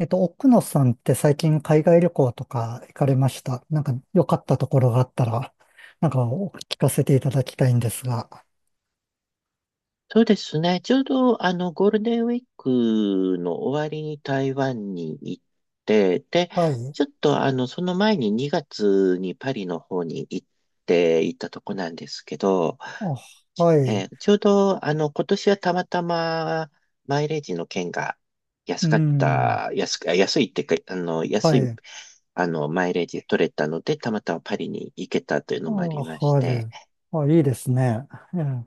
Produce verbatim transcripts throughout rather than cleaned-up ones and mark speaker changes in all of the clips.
Speaker 1: えっと、奥野さんって最近海外旅行とか行かれました。なんか良かったところがあったら、なんかお聞かせていただきたいんですが。
Speaker 2: そうですね。ちょうど、あの、ゴールデンウィークの終わりに台湾に行って、で、
Speaker 1: はい。
Speaker 2: ちょっと、あの、その前ににがつにパリの方に行っていたとこなんですけど、
Speaker 1: あ、は
Speaker 2: え
Speaker 1: い。
Speaker 2: ーちょうど、あの、今年はたまたまマイレージの券が
Speaker 1: う
Speaker 2: 安かっ
Speaker 1: ん。
Speaker 2: た、安く、あ安いっていうか、あの、安
Speaker 1: は
Speaker 2: い、
Speaker 1: い。
Speaker 2: あの、マイレージ取れたので、たまたまパリに行けたという
Speaker 1: あ、
Speaker 2: のもありまし
Speaker 1: は
Speaker 2: て、
Speaker 1: い。あ、いいですね。うん。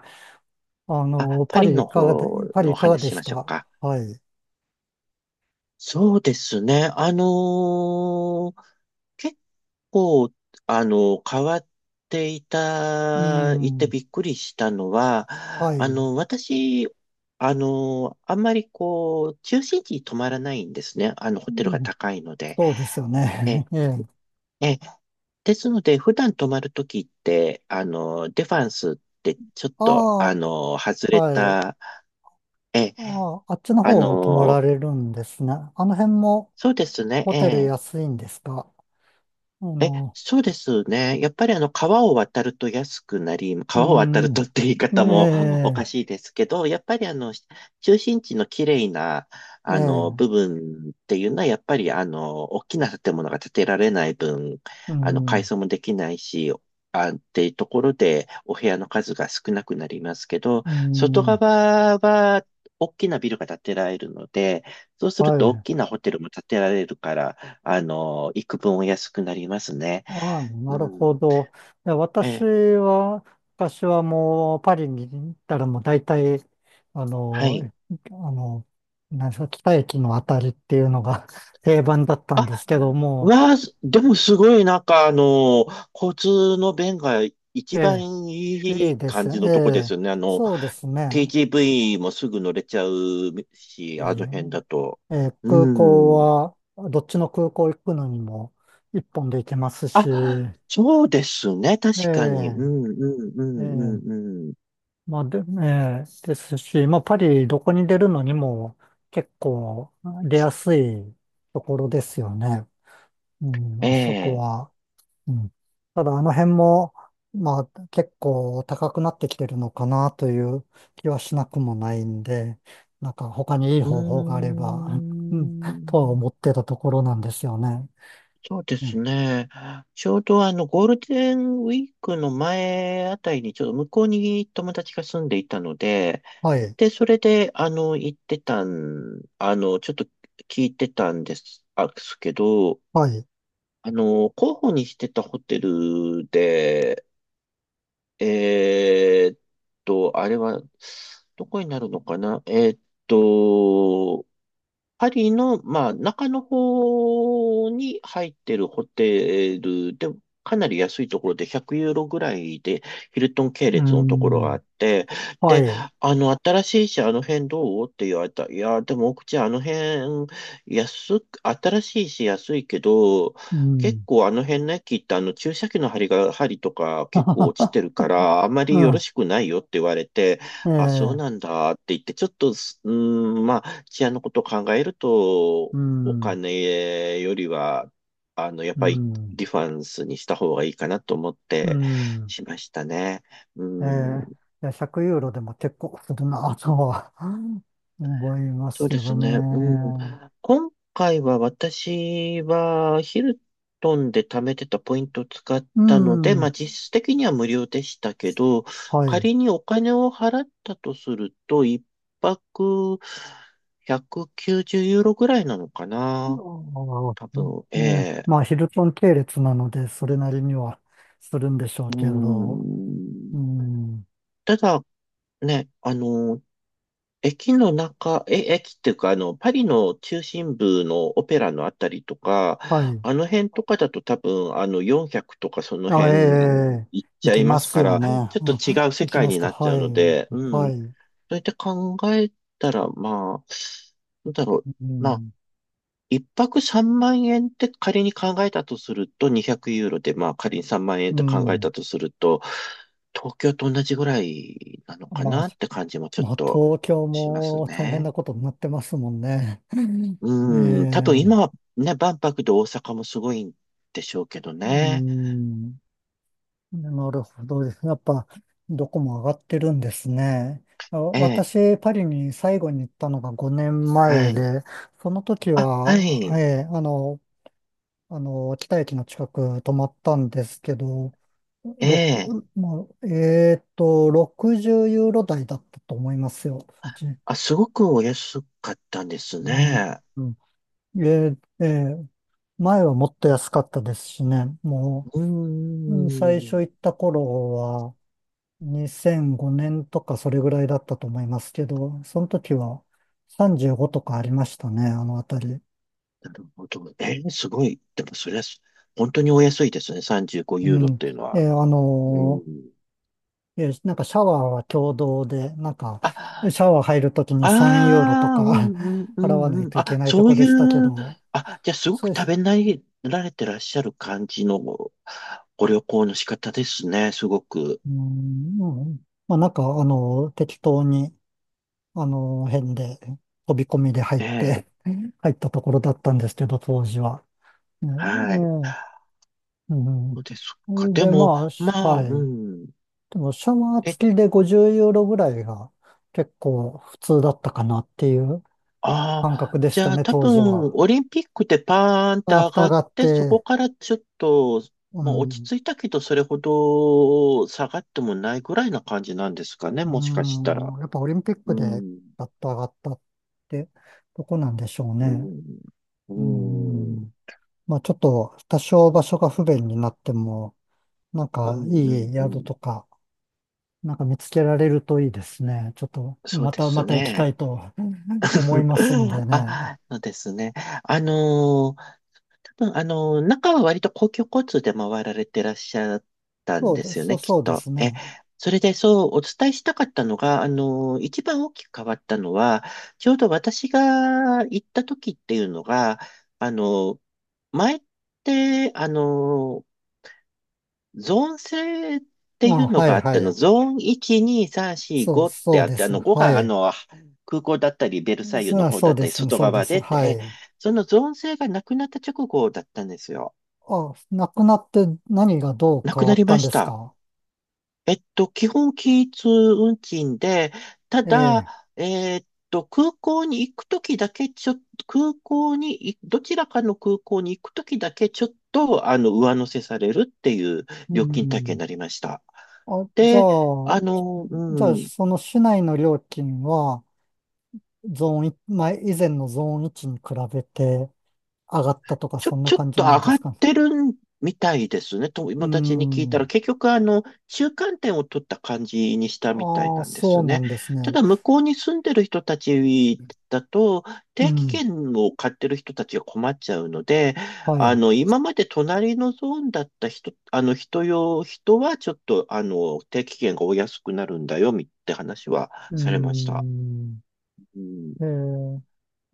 Speaker 1: あ
Speaker 2: あ、
Speaker 1: の、
Speaker 2: パ
Speaker 1: パ
Speaker 2: リ
Speaker 1: リい
Speaker 2: の
Speaker 1: かがで、
Speaker 2: 方
Speaker 1: パリ
Speaker 2: の
Speaker 1: い
Speaker 2: お
Speaker 1: かが
Speaker 2: 話し
Speaker 1: で
Speaker 2: し
Speaker 1: し
Speaker 2: ましょう
Speaker 1: た
Speaker 2: か。
Speaker 1: はい。
Speaker 2: そうですね。あのー結構、あの、変わってい
Speaker 1: う
Speaker 2: た、いて
Speaker 1: ん。
Speaker 2: びっくりしたのは、
Speaker 1: は
Speaker 2: あ
Speaker 1: い。
Speaker 2: の、私、あの、あんまりこう、中心地に泊まらないんですね。あの、
Speaker 1: う
Speaker 2: ホテルが
Speaker 1: ん、
Speaker 2: 高いので。
Speaker 1: そうですよ
Speaker 2: え、
Speaker 1: ね。ええ。
Speaker 2: え、ですので、普段泊まるときって、あの、デファンスってちょっと、あ
Speaker 1: あ
Speaker 2: の、外
Speaker 1: あ、
Speaker 2: れ
Speaker 1: はい。
Speaker 2: た、え、
Speaker 1: ああ、あっちの
Speaker 2: あ
Speaker 1: 方を泊ま
Speaker 2: の、
Speaker 1: られるんですね。あの辺も、
Speaker 2: そうですね、
Speaker 1: ホ
Speaker 2: え
Speaker 1: テル
Speaker 2: え
Speaker 1: 安いんですかあ
Speaker 2: え、
Speaker 1: の、
Speaker 2: そうですね。やっぱりあの、川を渡ると安くなり、
Speaker 1: う
Speaker 2: 川を渡るとって言い方
Speaker 1: ん、
Speaker 2: もお
Speaker 1: え
Speaker 2: かしいですけど、やっぱりあの、中心地の綺麗な、
Speaker 1: え、え
Speaker 2: あの、部
Speaker 1: え、
Speaker 2: 分っていうのは、やっぱりあの、大きな建物が建てられない分、
Speaker 1: う
Speaker 2: あの、改
Speaker 1: ん、
Speaker 2: 装もできないし、あ、っていうところで、お部屋の数が少なくなりますけど、
Speaker 1: う
Speaker 2: 外
Speaker 1: ん、
Speaker 2: 側は、大きなビルが建てられるので、そうする
Speaker 1: は
Speaker 2: と大
Speaker 1: い。
Speaker 2: きなホテルも建てられるから、あの、幾分お安くなりますね。
Speaker 1: ああ、
Speaker 2: う
Speaker 1: なる
Speaker 2: ん。
Speaker 1: ほど。いや私
Speaker 2: え、
Speaker 1: は、昔はもうパリに行ったらもう大体、あ
Speaker 2: は
Speaker 1: の、
Speaker 2: い。
Speaker 1: あの、なんですか、北駅のあたりっていうのが 定番だったんですけども、
Speaker 2: わあ、すでもすごい、なんか、あの、交通の便が一
Speaker 1: え
Speaker 2: 番
Speaker 1: え、
Speaker 2: い
Speaker 1: いい
Speaker 2: い
Speaker 1: で
Speaker 2: 感
Speaker 1: す。え
Speaker 2: じのとこで
Speaker 1: え、
Speaker 2: すよね。あの、
Speaker 1: そうですね。
Speaker 2: ティージーブイ もすぐ乗れちゃうし、
Speaker 1: え
Speaker 2: あの辺だ
Speaker 1: え
Speaker 2: と。
Speaker 1: えー
Speaker 2: う
Speaker 1: 空港
Speaker 2: ん。
Speaker 1: は、どっちの空港行くのにも一本で行けます
Speaker 2: あ、
Speaker 1: し、え
Speaker 2: そうですね。確
Speaker 1: え
Speaker 2: かに。うん、うん、う
Speaker 1: ええ
Speaker 2: ん、うん、うん。
Speaker 1: まあで、ええですし、まあパリどこに出るのにも結構出やすいところですよね。うん、
Speaker 2: え
Speaker 1: まあそこ
Speaker 2: え。
Speaker 1: は。うん、ただあの辺も、まあ結構高くなってきてるのかなという気はしなくもないんで、なんか他にいい
Speaker 2: うー
Speaker 1: 方法があれば、うん、とは
Speaker 2: ん。
Speaker 1: 思ってたところなんですよね。
Speaker 2: そうで
Speaker 1: え
Speaker 2: す
Speaker 1: え
Speaker 2: ね。ちょうどあの、ゴールデンウィークの前あたりに、ちょっと向こうに友達が住んでいたので、
Speaker 1: はい、
Speaker 2: で、それで、あの、行ってたん、あの、ちょっと聞いてたんです、あすけど、
Speaker 1: はい、
Speaker 2: あの、候補にしてたホテルで、えーっと、あれは、どこになるのかなえーっと、パリの、まあ、中の方に入ってるホテルで、かなり安いところでひゃくユーロぐらいで、ヒルトン系
Speaker 1: う
Speaker 2: 列のところがあ
Speaker 1: ん、
Speaker 2: って、
Speaker 1: は
Speaker 2: で、
Speaker 1: い、
Speaker 2: あの、新しいし、あの辺どうって言われた。いや、でも、奥地、あの辺、安く、新しいし、安いけど、
Speaker 1: う
Speaker 2: 結
Speaker 1: ん、
Speaker 2: 構あの辺の駅ってあの注射器の針が、針とか
Speaker 1: は
Speaker 2: 結構
Speaker 1: は
Speaker 2: 落ちてるから、あまりよろ
Speaker 1: は、
Speaker 2: しくないよって言われて、
Speaker 1: うん、
Speaker 2: あ、そう
Speaker 1: え
Speaker 2: なん
Speaker 1: え、
Speaker 2: だって言って、ちょっとす、うーん、まあ、治安のことを考えると、
Speaker 1: う
Speaker 2: お
Speaker 1: ん、
Speaker 2: 金よりは、あの、やっ
Speaker 1: う
Speaker 2: ぱり
Speaker 1: ん、
Speaker 2: ディファンスにした方がいいかなと思っ
Speaker 1: う
Speaker 2: て
Speaker 1: ん、
Speaker 2: しましたね。う
Speaker 1: え
Speaker 2: ん。
Speaker 1: え、いやひゃくユーロでも結構するなとは 思いま
Speaker 2: そ
Speaker 1: す
Speaker 2: う
Speaker 1: け
Speaker 2: です
Speaker 1: どね。
Speaker 2: ね。うん。今回は私はヒルトンで貯めてたポイントを使っ
Speaker 1: う
Speaker 2: たので、ま
Speaker 1: ん、
Speaker 2: あ実質的には無料でしたけど、
Speaker 1: はい。
Speaker 2: 仮にお金を払ったとすると、一泊ひゃくきゅうじゅうユーロぐらいなのかな。
Speaker 1: あ
Speaker 2: 多
Speaker 1: あ、
Speaker 2: 分、え
Speaker 1: ね
Speaker 2: え、
Speaker 1: まあ、ヒルトン系列なので、それなりにはするんでしょう
Speaker 2: うー
Speaker 1: けど、う
Speaker 2: ん。
Speaker 1: ん、
Speaker 2: ただ、ね、あの、駅の中、え、駅っていうか、あの、パリの中心部のオペラのあたりとか、
Speaker 1: はい。
Speaker 2: あの辺とかだと多分、あの、よんひゃくとかその
Speaker 1: あ、
Speaker 2: 辺
Speaker 1: ええ、
Speaker 2: 行っち
Speaker 1: 行
Speaker 2: ゃ
Speaker 1: き
Speaker 2: いま
Speaker 1: ま
Speaker 2: す
Speaker 1: す
Speaker 2: か
Speaker 1: よ
Speaker 2: ら、
Speaker 1: ね。
Speaker 2: はい、ちょっと
Speaker 1: うん、
Speaker 2: 違う世
Speaker 1: 行き
Speaker 2: 界
Speaker 1: ます
Speaker 2: に
Speaker 1: か。
Speaker 2: なっちゃ
Speaker 1: は
Speaker 2: う
Speaker 1: い。
Speaker 2: ので、う
Speaker 1: は
Speaker 2: ん。そ
Speaker 1: い。
Speaker 2: うやって考えたら、まあ、なんだろう。
Speaker 1: う
Speaker 2: まあ
Speaker 1: ん。
Speaker 2: 一泊さんまん円って仮に考えたとすると、にひゃくユーロで、まあ仮にさんまん円っ
Speaker 1: う
Speaker 2: て考え
Speaker 1: ん。
Speaker 2: たとすると、東京と同じぐらいなのか
Speaker 1: まあ、
Speaker 2: なって感じもちょっ
Speaker 1: まあ、
Speaker 2: と
Speaker 1: 東京
Speaker 2: します
Speaker 1: も大変
Speaker 2: ね。
Speaker 1: なことになってますもんね。え
Speaker 2: うん、多分今
Speaker 1: え、
Speaker 2: はね、万博で大阪もすごいんでしょうけど
Speaker 1: う
Speaker 2: ね。
Speaker 1: ん。なるほどですね。やっぱ、どこも上がってるんですね。あ
Speaker 2: ええ、
Speaker 1: 私、パリに最後に行ったのが5年
Speaker 2: は
Speaker 1: 前
Speaker 2: い。
Speaker 1: で、その時
Speaker 2: あ、は
Speaker 1: は、
Speaker 2: い。
Speaker 1: ええ、あの、あの、北駅の近く泊まったんですけど、
Speaker 2: え
Speaker 1: 六
Speaker 2: え、
Speaker 1: もう、えーっと、ろくじゅうユーロ台だったと思いますよ。うち
Speaker 2: あ、すごくお安かったんです
Speaker 1: うん
Speaker 2: ね。
Speaker 1: うんえーえー前はもっと安かったですしね。も
Speaker 2: うー
Speaker 1: う、うん最初
Speaker 2: ん。
Speaker 1: 行った頃はにせんごねんとかそれぐらいだったと思いますけど、その時はさんじゅうごとかありましたね、あの辺り。
Speaker 2: なるほど。えーすごい。でも、それは、本当にお安いですね。さんじゅうご
Speaker 1: う
Speaker 2: ユーロっ
Speaker 1: ん。
Speaker 2: ていうの
Speaker 1: え
Speaker 2: は。
Speaker 1: ーあ
Speaker 2: う
Speaker 1: のー
Speaker 2: ん。
Speaker 1: え、なんかシャワーは共同で、なんか、シ
Speaker 2: あ、
Speaker 1: ャワー入るときにさんユーロと
Speaker 2: ああ、う
Speaker 1: か
Speaker 2: んうん う
Speaker 1: 払わな
Speaker 2: ん
Speaker 1: い
Speaker 2: うん。
Speaker 1: といけ
Speaker 2: あ、
Speaker 1: ないと
Speaker 2: そう
Speaker 1: こ
Speaker 2: い
Speaker 1: でしたけ
Speaker 2: う、
Speaker 1: ど、
Speaker 2: あ、じゃあ、すご
Speaker 1: そ
Speaker 2: く
Speaker 1: うで
Speaker 2: 食
Speaker 1: す。
Speaker 2: べ慣られてらっしゃる感じのご旅行の仕方ですね。すごく。
Speaker 1: うーん、うんまあなんか、あの、適当に、あの、辺で、飛び込みで入っ
Speaker 2: ええ、
Speaker 1: て 入ったところだったんですけど、当時は。ね
Speaker 2: はい。
Speaker 1: ええうん、
Speaker 2: そうです
Speaker 1: う
Speaker 2: か。
Speaker 1: ん
Speaker 2: で
Speaker 1: で、ま
Speaker 2: も、
Speaker 1: あ、
Speaker 2: まあ、
Speaker 1: は
Speaker 2: う
Speaker 1: い。
Speaker 2: ん。
Speaker 1: でも、シャワー
Speaker 2: え、
Speaker 1: 付きでごじゅうユーロぐらいが結構普通だったかなっていう
Speaker 2: あ
Speaker 1: 感
Speaker 2: あ、
Speaker 1: 覚でし
Speaker 2: じ
Speaker 1: た
Speaker 2: ゃあ
Speaker 1: ね、
Speaker 2: 多
Speaker 1: 当時
Speaker 2: 分、
Speaker 1: は。
Speaker 2: オリンピックでパーンって
Speaker 1: あ
Speaker 2: 上
Speaker 1: フ
Speaker 2: がっ
Speaker 1: があっ
Speaker 2: て、そこ
Speaker 1: て、
Speaker 2: からちょっと、
Speaker 1: う
Speaker 2: まあ落ち
Speaker 1: ん、
Speaker 2: 着いたけど、それほど下がってもないぐらいな感じなんですかね、
Speaker 1: う
Speaker 2: もしかしたら。
Speaker 1: ん、やっぱオリンピッ
Speaker 2: う
Speaker 1: クで
Speaker 2: ん、
Speaker 1: アッと上がったってとこなんでしょう
Speaker 2: う
Speaker 1: ね。
Speaker 2: ん、う
Speaker 1: う
Speaker 2: ん、うん、
Speaker 1: ん、まあちょっと多少場所が不便になっても、なん
Speaker 2: う
Speaker 1: かい
Speaker 2: ん、
Speaker 1: い
Speaker 2: う
Speaker 1: 宿
Speaker 2: ん、
Speaker 1: とか、なんか見つけられるといいですね。ちょっと
Speaker 2: そう
Speaker 1: ま
Speaker 2: で
Speaker 1: た
Speaker 2: す
Speaker 1: また行きた
Speaker 2: ね。
Speaker 1: いと思いますんで ね。
Speaker 2: あ、そうですね。あのー多分、あの、中は割と公共交通で回られてらっしゃったん
Speaker 1: そう
Speaker 2: で
Speaker 1: で
Speaker 2: す
Speaker 1: す、
Speaker 2: よ
Speaker 1: そ
Speaker 2: ね、
Speaker 1: う
Speaker 2: きっ
Speaker 1: そうで
Speaker 2: と。
Speaker 1: す
Speaker 2: え、
Speaker 1: ね。
Speaker 2: それでそうお伝えしたかったのが、あの、一番大きく変わったのは、ちょうど私が行った時っていうのが、あの、前って、あの、ゾーン制って
Speaker 1: あ、
Speaker 2: いうの
Speaker 1: は
Speaker 2: があ
Speaker 1: い
Speaker 2: っ
Speaker 1: は
Speaker 2: ての、
Speaker 1: い。
Speaker 2: ゾーンいち、に、さん、よん、
Speaker 1: そう、
Speaker 2: ごっ
Speaker 1: そ
Speaker 2: て
Speaker 1: う
Speaker 2: あっ
Speaker 1: で
Speaker 2: て、あ
Speaker 1: す。
Speaker 2: の、ご
Speaker 1: は
Speaker 2: があ
Speaker 1: い。
Speaker 2: の、空港だったり、ベルサイユの
Speaker 1: そう、
Speaker 2: 方
Speaker 1: そ
Speaker 2: だ
Speaker 1: う
Speaker 2: っ
Speaker 1: で
Speaker 2: たり、
Speaker 1: す、
Speaker 2: 外
Speaker 1: そうで
Speaker 2: 側
Speaker 1: す。
Speaker 2: でって、
Speaker 1: は
Speaker 2: え
Speaker 1: い。
Speaker 2: そのゾーン制がなくなった直後だったんですよ。
Speaker 1: あ、亡くなって何がどう
Speaker 2: な
Speaker 1: 変
Speaker 2: く
Speaker 1: わ
Speaker 2: な
Speaker 1: っ
Speaker 2: り
Speaker 1: た
Speaker 2: ま
Speaker 1: ん
Speaker 2: し
Speaker 1: です
Speaker 2: た。
Speaker 1: か
Speaker 2: えっと、基本均一運賃で、た
Speaker 1: え
Speaker 2: だ、
Speaker 1: え。
Speaker 2: えっと、空港に行くときだけ、ちょっと、空港にい、どちらかの空港に行くときだけ、ちょっと、あの、上乗せされるっていう
Speaker 1: う
Speaker 2: 料金体系に
Speaker 1: ん。
Speaker 2: なりました。
Speaker 1: あ、じゃ
Speaker 2: で、
Speaker 1: あ、
Speaker 2: あの、
Speaker 1: じゃ
Speaker 2: う
Speaker 1: あ、
Speaker 2: ん、
Speaker 1: その市内の料金は、ゾーンいち、前、以前のゾーンいちに比べて上がったとか、
Speaker 2: ちょ、
Speaker 1: そんな
Speaker 2: ちょっ
Speaker 1: 感じ
Speaker 2: と
Speaker 1: な
Speaker 2: 上
Speaker 1: んで
Speaker 2: がっ
Speaker 1: すか
Speaker 2: てるみたいですね。
Speaker 1: う
Speaker 2: 友達に聞いた
Speaker 1: ん。
Speaker 2: ら、結局あの、中間点を取った感じにしたみたい
Speaker 1: ああ、
Speaker 2: なんで
Speaker 1: そ
Speaker 2: す
Speaker 1: うな
Speaker 2: ね。
Speaker 1: んです
Speaker 2: た
Speaker 1: ね。
Speaker 2: だ、向こうに住んでる人たちだと、
Speaker 1: う
Speaker 2: 定期
Speaker 1: ん。
Speaker 2: 券を買ってる人たちが困っちゃうので、
Speaker 1: は
Speaker 2: あ
Speaker 1: い。
Speaker 2: の、今まで隣のゾーンだった人、あの、人用、人はちょっと、あの、定期券がお安くなるんだよ、みって話は
Speaker 1: う
Speaker 2: されました。
Speaker 1: ん。
Speaker 2: うん、
Speaker 1: ええ、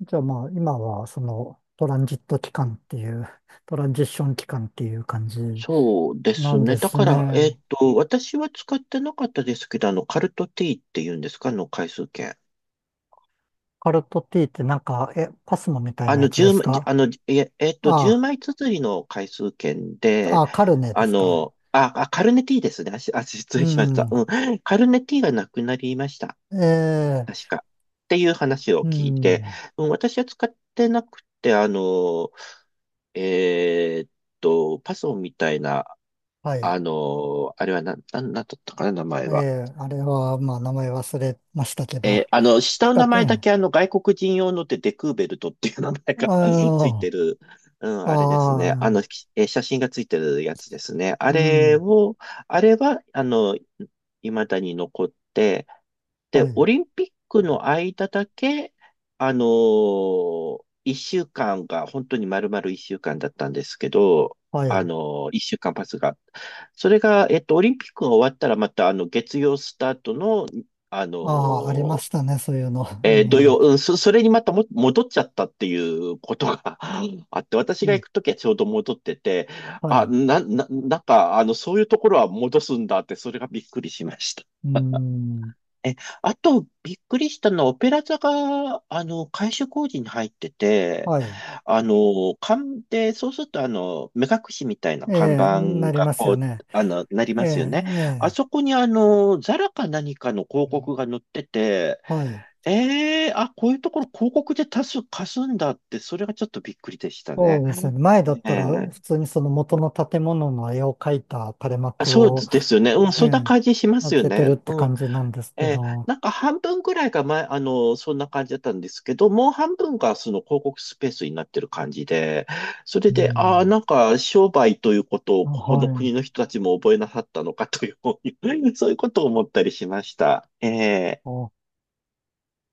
Speaker 1: じゃあまあ、今は、その、トランジット期間っていう、トランジッション期間っていう感じ
Speaker 2: そうで
Speaker 1: な
Speaker 2: す
Speaker 1: んで
Speaker 2: ね。だ
Speaker 1: す
Speaker 2: から、え
Speaker 1: ね。
Speaker 2: っと、私は使ってなかったですけど、あの、カルトティーっていうんですか、あの、回数券。
Speaker 1: カルトティーってなんか、え、パスモみたいなや
Speaker 2: あ
Speaker 1: つ
Speaker 2: の、10
Speaker 1: です
Speaker 2: 枚、じあ
Speaker 1: か
Speaker 2: の、いえ、えっと、10
Speaker 1: あ
Speaker 2: 枚綴りの回数券
Speaker 1: あ、
Speaker 2: で、
Speaker 1: あ、カルネで
Speaker 2: あ
Speaker 1: すか。
Speaker 2: の、あ、あ、カルネティーですね。あ、しあ、失
Speaker 1: う
Speaker 2: 礼しました。
Speaker 1: ん。
Speaker 2: うん。カルネティーがなくなりました。
Speaker 1: ええ、
Speaker 2: 確か。っていう話を
Speaker 1: う
Speaker 2: 聞いて、
Speaker 1: ん。
Speaker 2: うん、私は使ってなくて、あの、えーっと、パソンみたいな、
Speaker 1: はい。
Speaker 2: あの、あれはな、な、なんだったかな、名前
Speaker 1: え
Speaker 2: は。
Speaker 1: え、あれは、まあ、名前忘れましたけ
Speaker 2: え
Speaker 1: ど、
Speaker 2: ーあの、下の
Speaker 1: 使
Speaker 2: 名
Speaker 1: っ
Speaker 2: 前だ
Speaker 1: て、
Speaker 2: けあの、外国人用のでデクーベルトっていう名前が つい
Speaker 1: あ
Speaker 2: てる、うん、
Speaker 1: あ、
Speaker 2: あれですね。あ
Speaker 1: あ
Speaker 2: の、
Speaker 1: あ、
Speaker 2: きえー写真がついてるやつですね。あ
Speaker 1: う
Speaker 2: れ
Speaker 1: ん。
Speaker 2: を、あれは、あの、未だに残って、で、
Speaker 1: は
Speaker 2: オ
Speaker 1: い。
Speaker 2: リンピックの間だけ、あのー、一週間が、本当に丸々一週間だったんですけど、
Speaker 1: は
Speaker 2: あ
Speaker 1: い。
Speaker 2: のー、一週間パスが。それが、えっと、オリンピックが終わったら、また、あの、月曜スタートの、あの
Speaker 1: ああ、ありま
Speaker 2: ー
Speaker 1: したね、そういうの。う
Speaker 2: えー土曜、
Speaker 1: ん。
Speaker 2: うん、そ、それにまたも戻っちゃったっていうことが あって、私
Speaker 1: う
Speaker 2: が
Speaker 1: ん
Speaker 2: 行くときはちょうど戻ってて、
Speaker 1: は
Speaker 2: あ、
Speaker 1: い。
Speaker 2: な、な、なんか、あの、そういうところは戻すんだって、それがびっくりしました。
Speaker 1: うん。
Speaker 2: え、あと、びっくりしたのは、オペラ座が、あの、改修工事に入ってて、
Speaker 1: はい。
Speaker 2: あの、看で、そうすると、あの、目隠しみたいな
Speaker 1: え
Speaker 2: 看
Speaker 1: え、な
Speaker 2: 板
Speaker 1: り
Speaker 2: が、
Speaker 1: ます
Speaker 2: こ
Speaker 1: よ
Speaker 2: う、
Speaker 1: ね。
Speaker 2: あの、なり
Speaker 1: え
Speaker 2: ますよ
Speaker 1: え、
Speaker 2: ね。あ
Speaker 1: ね
Speaker 2: そこに、あの、ザラか何かの広告が
Speaker 1: え。
Speaker 2: 載ってて、
Speaker 1: はい。
Speaker 2: ええあ、こういうところ広告で多数貸すんだって、それがちょっとびっくりでした
Speaker 1: そ
Speaker 2: ね。
Speaker 1: うで
Speaker 2: は
Speaker 1: す
Speaker 2: い、
Speaker 1: ね。前だっ
Speaker 2: え
Speaker 1: たら、
Speaker 2: え
Speaker 1: 普通にその元の建物の絵を描いた垂れ
Speaker 2: あ
Speaker 1: 幕
Speaker 2: そう
Speaker 1: を
Speaker 2: ですよね。うん、そんな
Speaker 1: ね、
Speaker 2: 感じしま
Speaker 1: 開
Speaker 2: すよ
Speaker 1: けて
Speaker 2: ね。
Speaker 1: るって
Speaker 2: うん。
Speaker 1: 感じなんですけ
Speaker 2: えー
Speaker 1: ど。
Speaker 2: なんか半分ぐらいが前、あの、そんな感じだったんですけど、もう半分がその広告スペースになってる感じで、それ
Speaker 1: う
Speaker 2: で、ああ、
Speaker 1: ん。
Speaker 2: なんか商売ということ
Speaker 1: あ
Speaker 2: をここ
Speaker 1: は
Speaker 2: の
Speaker 1: い。
Speaker 2: 国の人たちも覚えなさったのかという、そういうことを思ったりしました。えー
Speaker 1: あ